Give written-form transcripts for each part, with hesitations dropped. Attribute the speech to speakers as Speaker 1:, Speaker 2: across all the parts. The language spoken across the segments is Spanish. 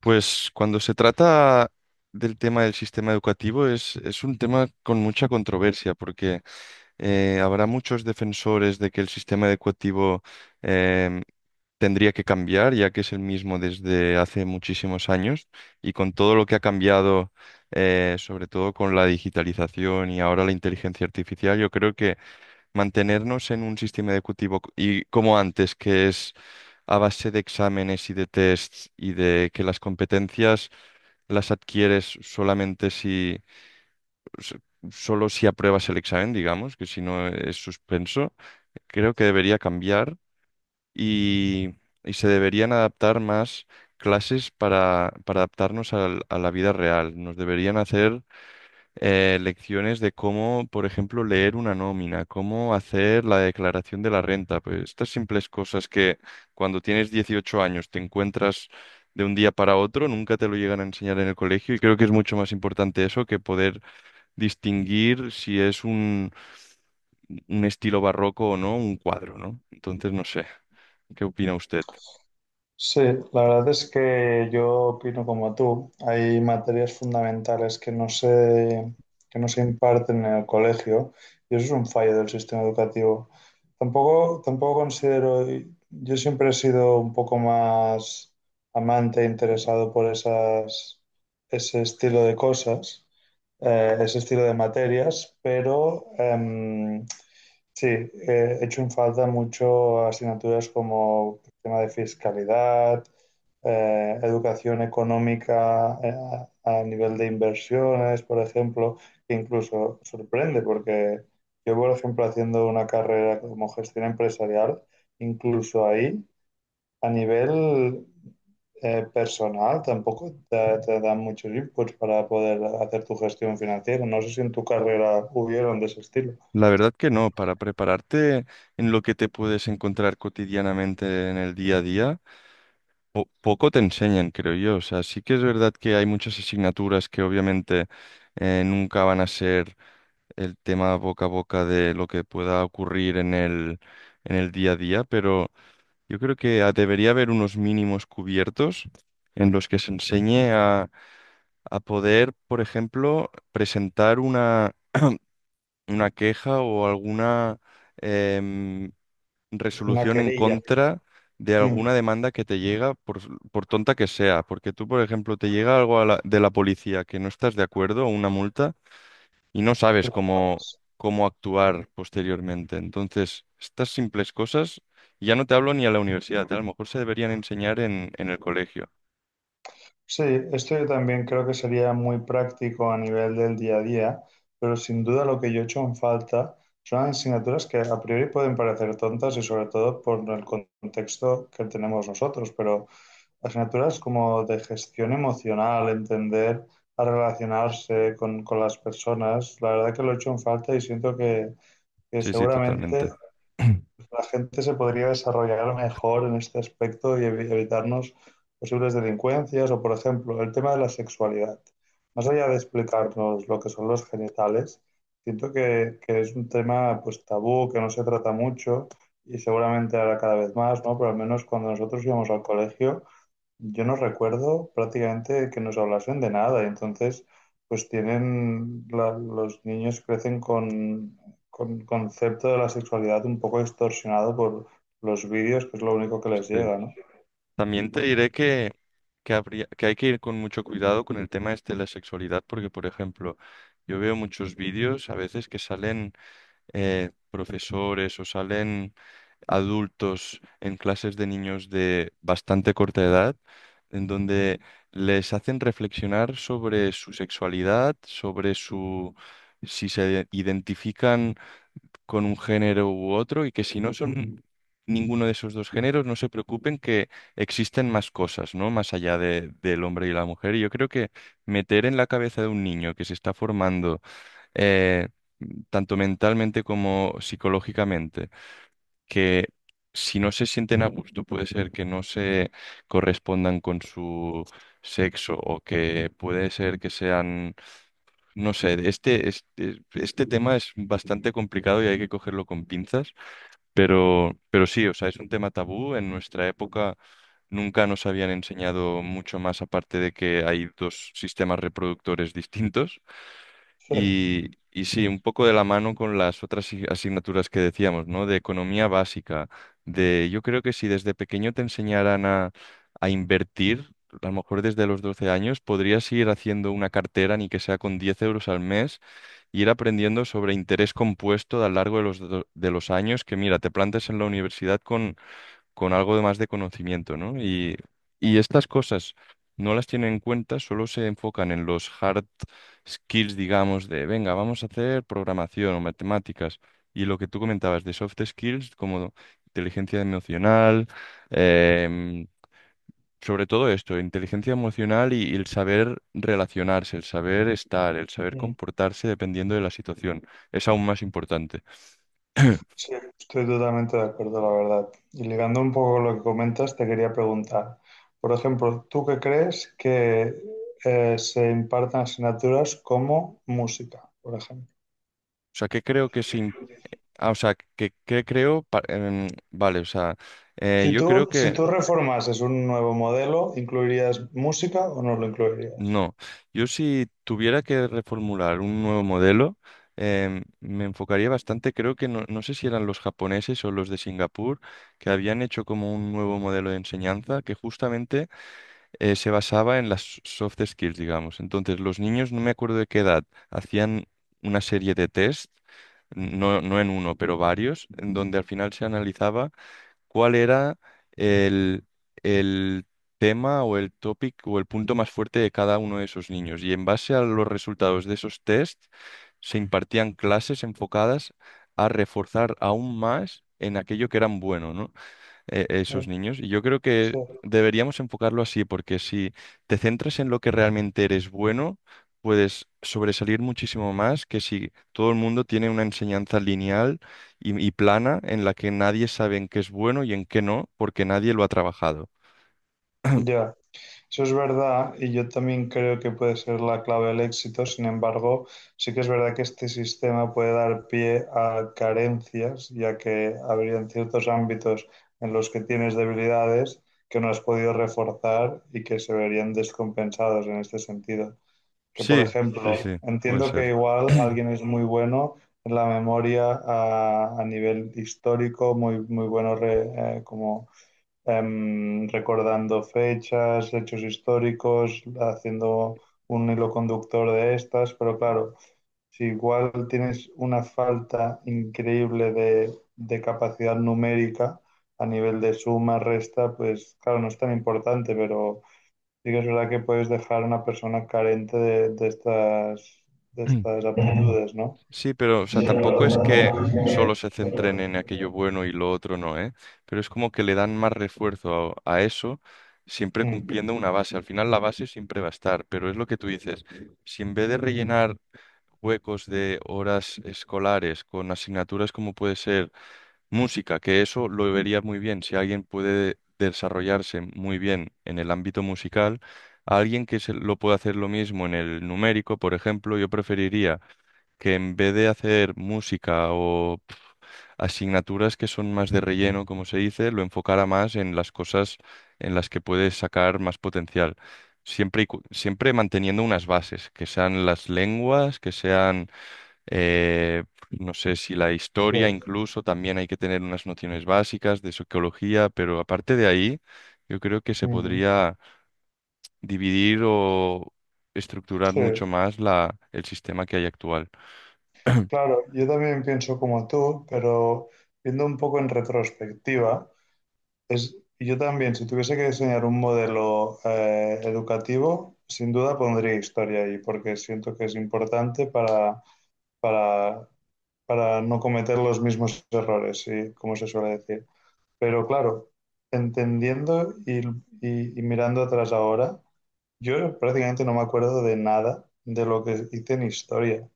Speaker 1: Pues cuando se trata del tema del sistema educativo es un tema con mucha controversia porque habrá muchos defensores de que el sistema educativo em, tendría que cambiar, ya que es el mismo desde hace muchísimos años y con todo lo que ha cambiado, sobre todo con la digitalización y ahora la inteligencia artificial, yo creo que mantenernos en un sistema educativo y como antes, que es a base de exámenes y de tests y de que las competencias las adquieres solamente s- solo si apruebas el examen, digamos, que si no es suspenso, creo que debería cambiar y, y se deberían adaptar más clases para adaptarnos a la vida real. Nos deberían hacer lecciones de cómo, por ejemplo, leer una nómina, cómo hacer la declaración de la renta. Pues estas simples cosas que cuando tienes 18 años te encuentras de un día para otro, nunca te lo llegan a enseñar en el colegio y creo que es mucho más importante eso que poder distinguir si es un estilo barroco o no, un cuadro, ¿no? Entonces, no sé, ¿qué opina usted?
Speaker 2: Sí, la verdad es que yo opino como tú. Hay materias fundamentales que no se imparten en el colegio y eso es un fallo del sistema educativo. Tampoco considero, yo siempre he sido un poco más amante e interesado por ese estilo de cosas, ese estilo de materias, Sí, he hecho en falta mucho asignaturas como el tema de fiscalidad, educación económica a nivel de inversiones, por ejemplo, que incluso sorprende porque yo, por ejemplo, haciendo una carrera como gestión empresarial, incluso ahí a nivel personal tampoco te, te dan muchos inputs para poder hacer tu gestión financiera. No sé si en tu carrera hubieron de ese estilo.
Speaker 1: La verdad que no, para prepararte en lo que te puedes encontrar cotidianamente en el día a día. Poco te enseñan, creo yo. O sea, sí que es verdad que hay muchas asignaturas que obviamente nunca van a ser el tema boca a boca de lo que pueda ocurrir en el día a día, pero yo creo que debería haber unos mínimos cubiertos en los que se enseñe a poder, por ejemplo, presentar una queja o alguna... em,
Speaker 2: Una
Speaker 1: resolución en
Speaker 2: querella.
Speaker 1: contra de
Speaker 2: Mm.
Speaker 1: alguna demanda que te llega, por tonta que sea. Porque tú, por ejemplo, te llega algo de la policía que no estás de acuerdo, o una multa, y no sabes
Speaker 2: Claves.
Speaker 1: cómo actuar posteriormente. Entonces, estas simples cosas, ya no te hablo ni a la universidad, ¿eh? A lo mejor se deberían enseñar en el colegio.
Speaker 2: Sí, esto yo también creo que sería muy práctico a nivel del día a día, pero sin duda lo que yo he hecho en falta son asignaturas que a priori pueden parecer tontas y sobre todo por el contexto que tenemos nosotros, pero asignaturas como de gestión emocional, entender a relacionarse con las personas, la verdad que lo he hecho en falta y siento que
Speaker 1: Sí, sí,
Speaker 2: seguramente
Speaker 1: totalmente.
Speaker 2: la gente se podría desarrollar mejor en este aspecto y evitarnos posibles delincuencias o, por ejemplo, el tema de la sexualidad. Más allá de explicarnos lo que son los genitales, siento que es un tema pues tabú, que no se trata mucho y seguramente ahora cada vez más, ¿no? Pero al menos cuando nosotros íbamos al colegio yo no recuerdo prácticamente que nos hablasen de nada, y entonces pues los niños crecen con concepto de la sexualidad un poco distorsionado por los vídeos, que es lo único que les
Speaker 1: Sí.
Speaker 2: llega, ¿no?
Speaker 1: También te diré que que hay que ir con mucho cuidado con el tema este de la sexualidad, porque, por ejemplo, yo veo muchos vídeos a veces que salen profesores o salen adultos en clases de niños de bastante corta edad, en donde les hacen reflexionar sobre su sexualidad, sobre su si se identifican con un género u otro y que si no son ninguno de esos dos géneros, no se preocupen que existen más cosas, ¿no? Más allá de, del hombre y la mujer. Y yo creo que meter en la cabeza de un niño que se está formando eh, tanto mentalmente como psicológicamente, que si no se sienten a gusto puede ser que no se correspondan con su sexo o que puede ser que sean, no sé, este tema es bastante complicado y hay que cogerlo con pinzas, pero sí, o sea, es un tema tabú. En nuestra época nunca nos habían enseñado mucho más aparte de que hay dos sistemas reproductores distintos.
Speaker 2: Sí.
Speaker 1: Y sí, un poco de la mano con las otras asignaturas que decíamos, ¿no? De economía básica, de yo creo que si desde pequeño te enseñaran a invertir, a lo mejor desde los 12 años, podrías ir haciendo una cartera, ni que sea con 10 euros al mes, y ir aprendiendo sobre interés compuesto a lo largo de los años, que mira, te plantes en la universidad con algo de más de conocimiento, ¿no? Y estas cosas no las tienen en cuenta, solo se enfocan en los hard skills, digamos, de, venga, vamos a hacer programación o matemáticas. Y lo que tú comentabas de soft skills, como inteligencia emocional, em, sobre todo esto, inteligencia emocional y el saber relacionarse, el saber estar, el saber
Speaker 2: Mm.
Speaker 1: comportarse dependiendo de la situación, es aún más importante.
Speaker 2: Sí, estoy totalmente de acuerdo, la verdad. Y ligando un poco lo que comentas, te quería preguntar, por ejemplo, ¿tú qué crees que se impartan asignaturas como música, por ejemplo?
Speaker 1: O sea, que creo que se Ah, o sea, que creo, vale, o sea, yo creo
Speaker 2: Si
Speaker 1: que
Speaker 2: tú reformases un nuevo modelo, ¿incluirías música o no lo incluirías?
Speaker 1: no. Yo si tuviera que reformular un nuevo modelo, me enfocaría bastante, creo que no, no sé si eran los japoneses o los de Singapur, que habían hecho como un nuevo modelo de enseñanza que justamente se basaba en las soft skills, digamos. Entonces, los niños, no me acuerdo de qué edad, hacían una serie de test no, no en uno, pero varios, en donde al final se analizaba ¿cuál era el, el tema o el topic o el punto más fuerte de cada uno de esos niños? Y en base a los resultados de esos test, se impartían clases enfocadas a reforzar aún más en aquello que eran buenos,
Speaker 2: Eh,
Speaker 1: esos niños. Y yo creo que
Speaker 2: Sí,
Speaker 1: deberíamos enfocarlo así, porque si te centras en lo que realmente eres bueno, puedes sobresalir muchísimo más que si todo el mundo tiene una enseñanza lineal y plana en la que nadie sabe en qué es bueno y en qué no, porque nadie lo ha trabajado.
Speaker 2: ya, eso es verdad y yo también creo que puede ser la clave del éxito. Sin embargo, sí que es verdad que este sistema puede dar pie a carencias, ya que habrían ciertos ámbitos en los que tienes debilidades que no has podido reforzar y que se verían descompensados en este sentido. Que, por
Speaker 1: Sí,
Speaker 2: ejemplo,
Speaker 1: sí, sí, puede
Speaker 2: entiendo que
Speaker 1: ser.
Speaker 2: igual alguien es muy bueno en la memoria a nivel histórico, muy, muy bueno como recordando fechas, hechos históricos, haciendo un hilo conductor de estas, pero claro, si igual tienes una falta increíble de capacidad numérica a nivel de suma, resta, pues claro, no es tan importante, pero sí que es verdad que puedes dejar a una persona carente de de estas aptitudes, ¿no?
Speaker 1: Sí, pero, o sea, tampoco es que solo se centren en aquello bueno y lo otro no, ¿eh? Pero es como que le dan más refuerzo a eso, siempre
Speaker 2: Mm,
Speaker 1: cumpliendo una base. Al final la base siempre va a estar, pero es lo que tú dices. Si en vez de rellenar huecos de horas escolares con asignaturas como puede ser música, que eso lo vería muy bien, si alguien puede desarrollarse muy bien en el ámbito musical, a alguien que se lo pueda hacer lo mismo en el numérico, por ejemplo, yo preferiría que en vez de hacer música o pf, asignaturas que son más de relleno, como se dice, lo enfocara más en las cosas en las que puedes sacar más potencial. Siempre, siempre manteniendo unas bases, que sean las lenguas, que sean, eh, no sé si la
Speaker 2: sí,
Speaker 1: historia incluso, también hay que tener unas nociones básicas de sociología, pero aparte de ahí, yo creo que se
Speaker 2: ujú.
Speaker 1: podría dividir o estructurar
Speaker 2: Sí,
Speaker 1: mucho más el sistema que hay actual.
Speaker 2: claro, yo también pienso como tú, pero viendo un poco en retrospectiva, es, yo también, si tuviese que diseñar un modelo educativo, sin duda pondría historia ahí, porque siento que es importante para, para no cometer los mismos errores, ¿sí? Como se suele decir. Pero claro, entendiendo y, y mirando atrás ahora, yo prácticamente no me acuerdo de nada de lo que hice en historia.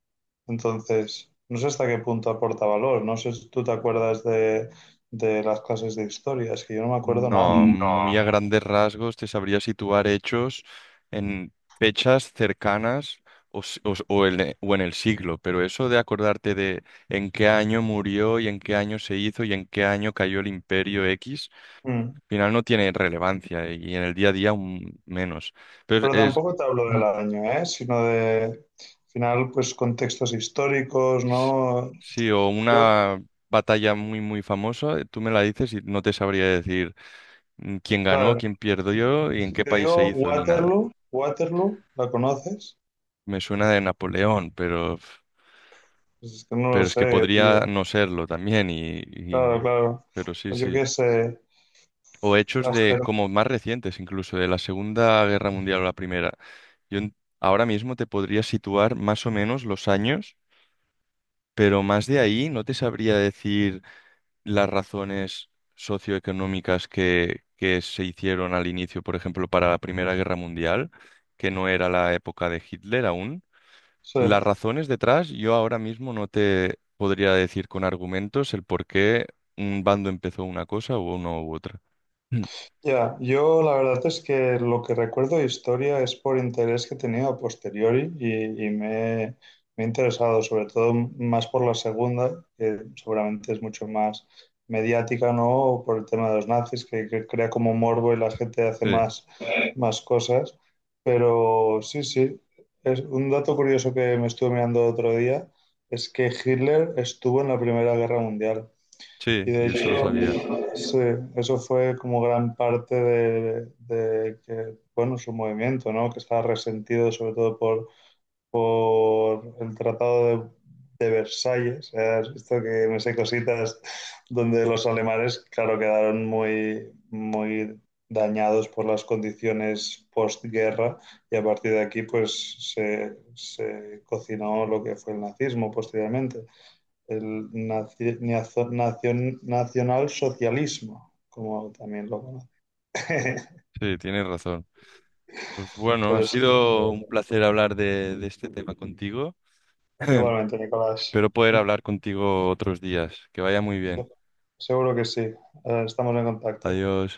Speaker 2: Entonces, no sé hasta qué punto aporta valor. No sé si tú te acuerdas de las clases de historia, es que yo no me acuerdo nada.
Speaker 1: No,
Speaker 2: Mm.
Speaker 1: muy a grandes rasgos te sabría situar hechos en fechas cercanas o, si- o s- o en, e- o en el siglo, pero eso de acordarte de en qué año murió y en qué año se hizo y en qué año cayó el imperio X,
Speaker 2: Mm.
Speaker 1: al final no tiene relevancia y en el día a día aún menos. Pero
Speaker 2: Pero
Speaker 1: es,
Speaker 2: tampoco te hablo del año, ¿eh? Sino de, al final, pues contextos históricos,
Speaker 1: s-
Speaker 2: ¿no?
Speaker 1: sí, o
Speaker 2: Yo,
Speaker 1: una batalla muy, muy famosa, tú me la dices y no te sabría decir quién ganó,
Speaker 2: claro,
Speaker 1: quién
Speaker 2: si
Speaker 1: perdió y en
Speaker 2: si
Speaker 1: qué
Speaker 2: te
Speaker 1: país se
Speaker 2: digo
Speaker 1: hizo ni nada.
Speaker 2: Waterloo, Waterloo, ¿la conoces?
Speaker 1: Me suena de Napoleón,
Speaker 2: Pues es que no lo
Speaker 1: pero es que
Speaker 2: sé,
Speaker 1: podría
Speaker 2: tío.
Speaker 1: no serlo también,
Speaker 2: Claro, claro.
Speaker 1: pero sí,
Speaker 2: O yo
Speaker 1: sí.
Speaker 2: qué sé,
Speaker 1: O hechos
Speaker 2: las
Speaker 1: de
Speaker 2: cervezas.
Speaker 1: como más recientes, incluso de la Segunda Guerra Mundial o la Primera. Ahora mismo te podría situar más o menos los años, pero más de ahí no te sabría decir las razones socioeconómicas que se hicieron al inicio, por ejemplo, para la Primera Guerra Mundial, que no era la época de Hitler aún.
Speaker 2: Eh.
Speaker 1: Las razones detrás, yo ahora mismo no te podría decir con argumentos el por qué un bando empezó una cosa u uno u otra. Mm.
Speaker 2: Ya, yo la verdad es que lo que recuerdo de historia es por interés que he tenido a posteriori y me he interesado, sobre todo más por la segunda, que seguramente es mucho más mediática, ¿no? Por el tema de los nazis, que crea como morbo y la gente hace
Speaker 1: Sí,
Speaker 2: más, más cosas. Pero sí, sí, es un dato curioso que me estuve mirando otro día es que Hitler estuvo en la Primera Guerra Mundial. Y
Speaker 1: sí,
Speaker 2: de
Speaker 1: yo eso lo sabía.
Speaker 2: hecho, sí, eso fue como gran parte de que, bueno, su movimiento, ¿no? Que estaba resentido sobre todo por el Tratado de Versalles. ¿Eh? Has visto que me sé cositas, donde los alemanes, claro, quedaron muy, muy dañados por las condiciones postguerra y a partir de aquí pues se cocinó lo que fue el nazismo posteriormente, el nacionalsocialismo, como también lo conoce.
Speaker 1: Sí, tienes razón. Pues bueno, ha
Speaker 2: Pero sí,
Speaker 1: sido un placer hablar de este tema contigo.
Speaker 2: igualmente, Nicolás.
Speaker 1: Espero poder hablar contigo otros días. Que vaya muy
Speaker 2: Se-
Speaker 1: bien.
Speaker 2: Seguro que sí. Estamos en contacto.
Speaker 1: Adiós.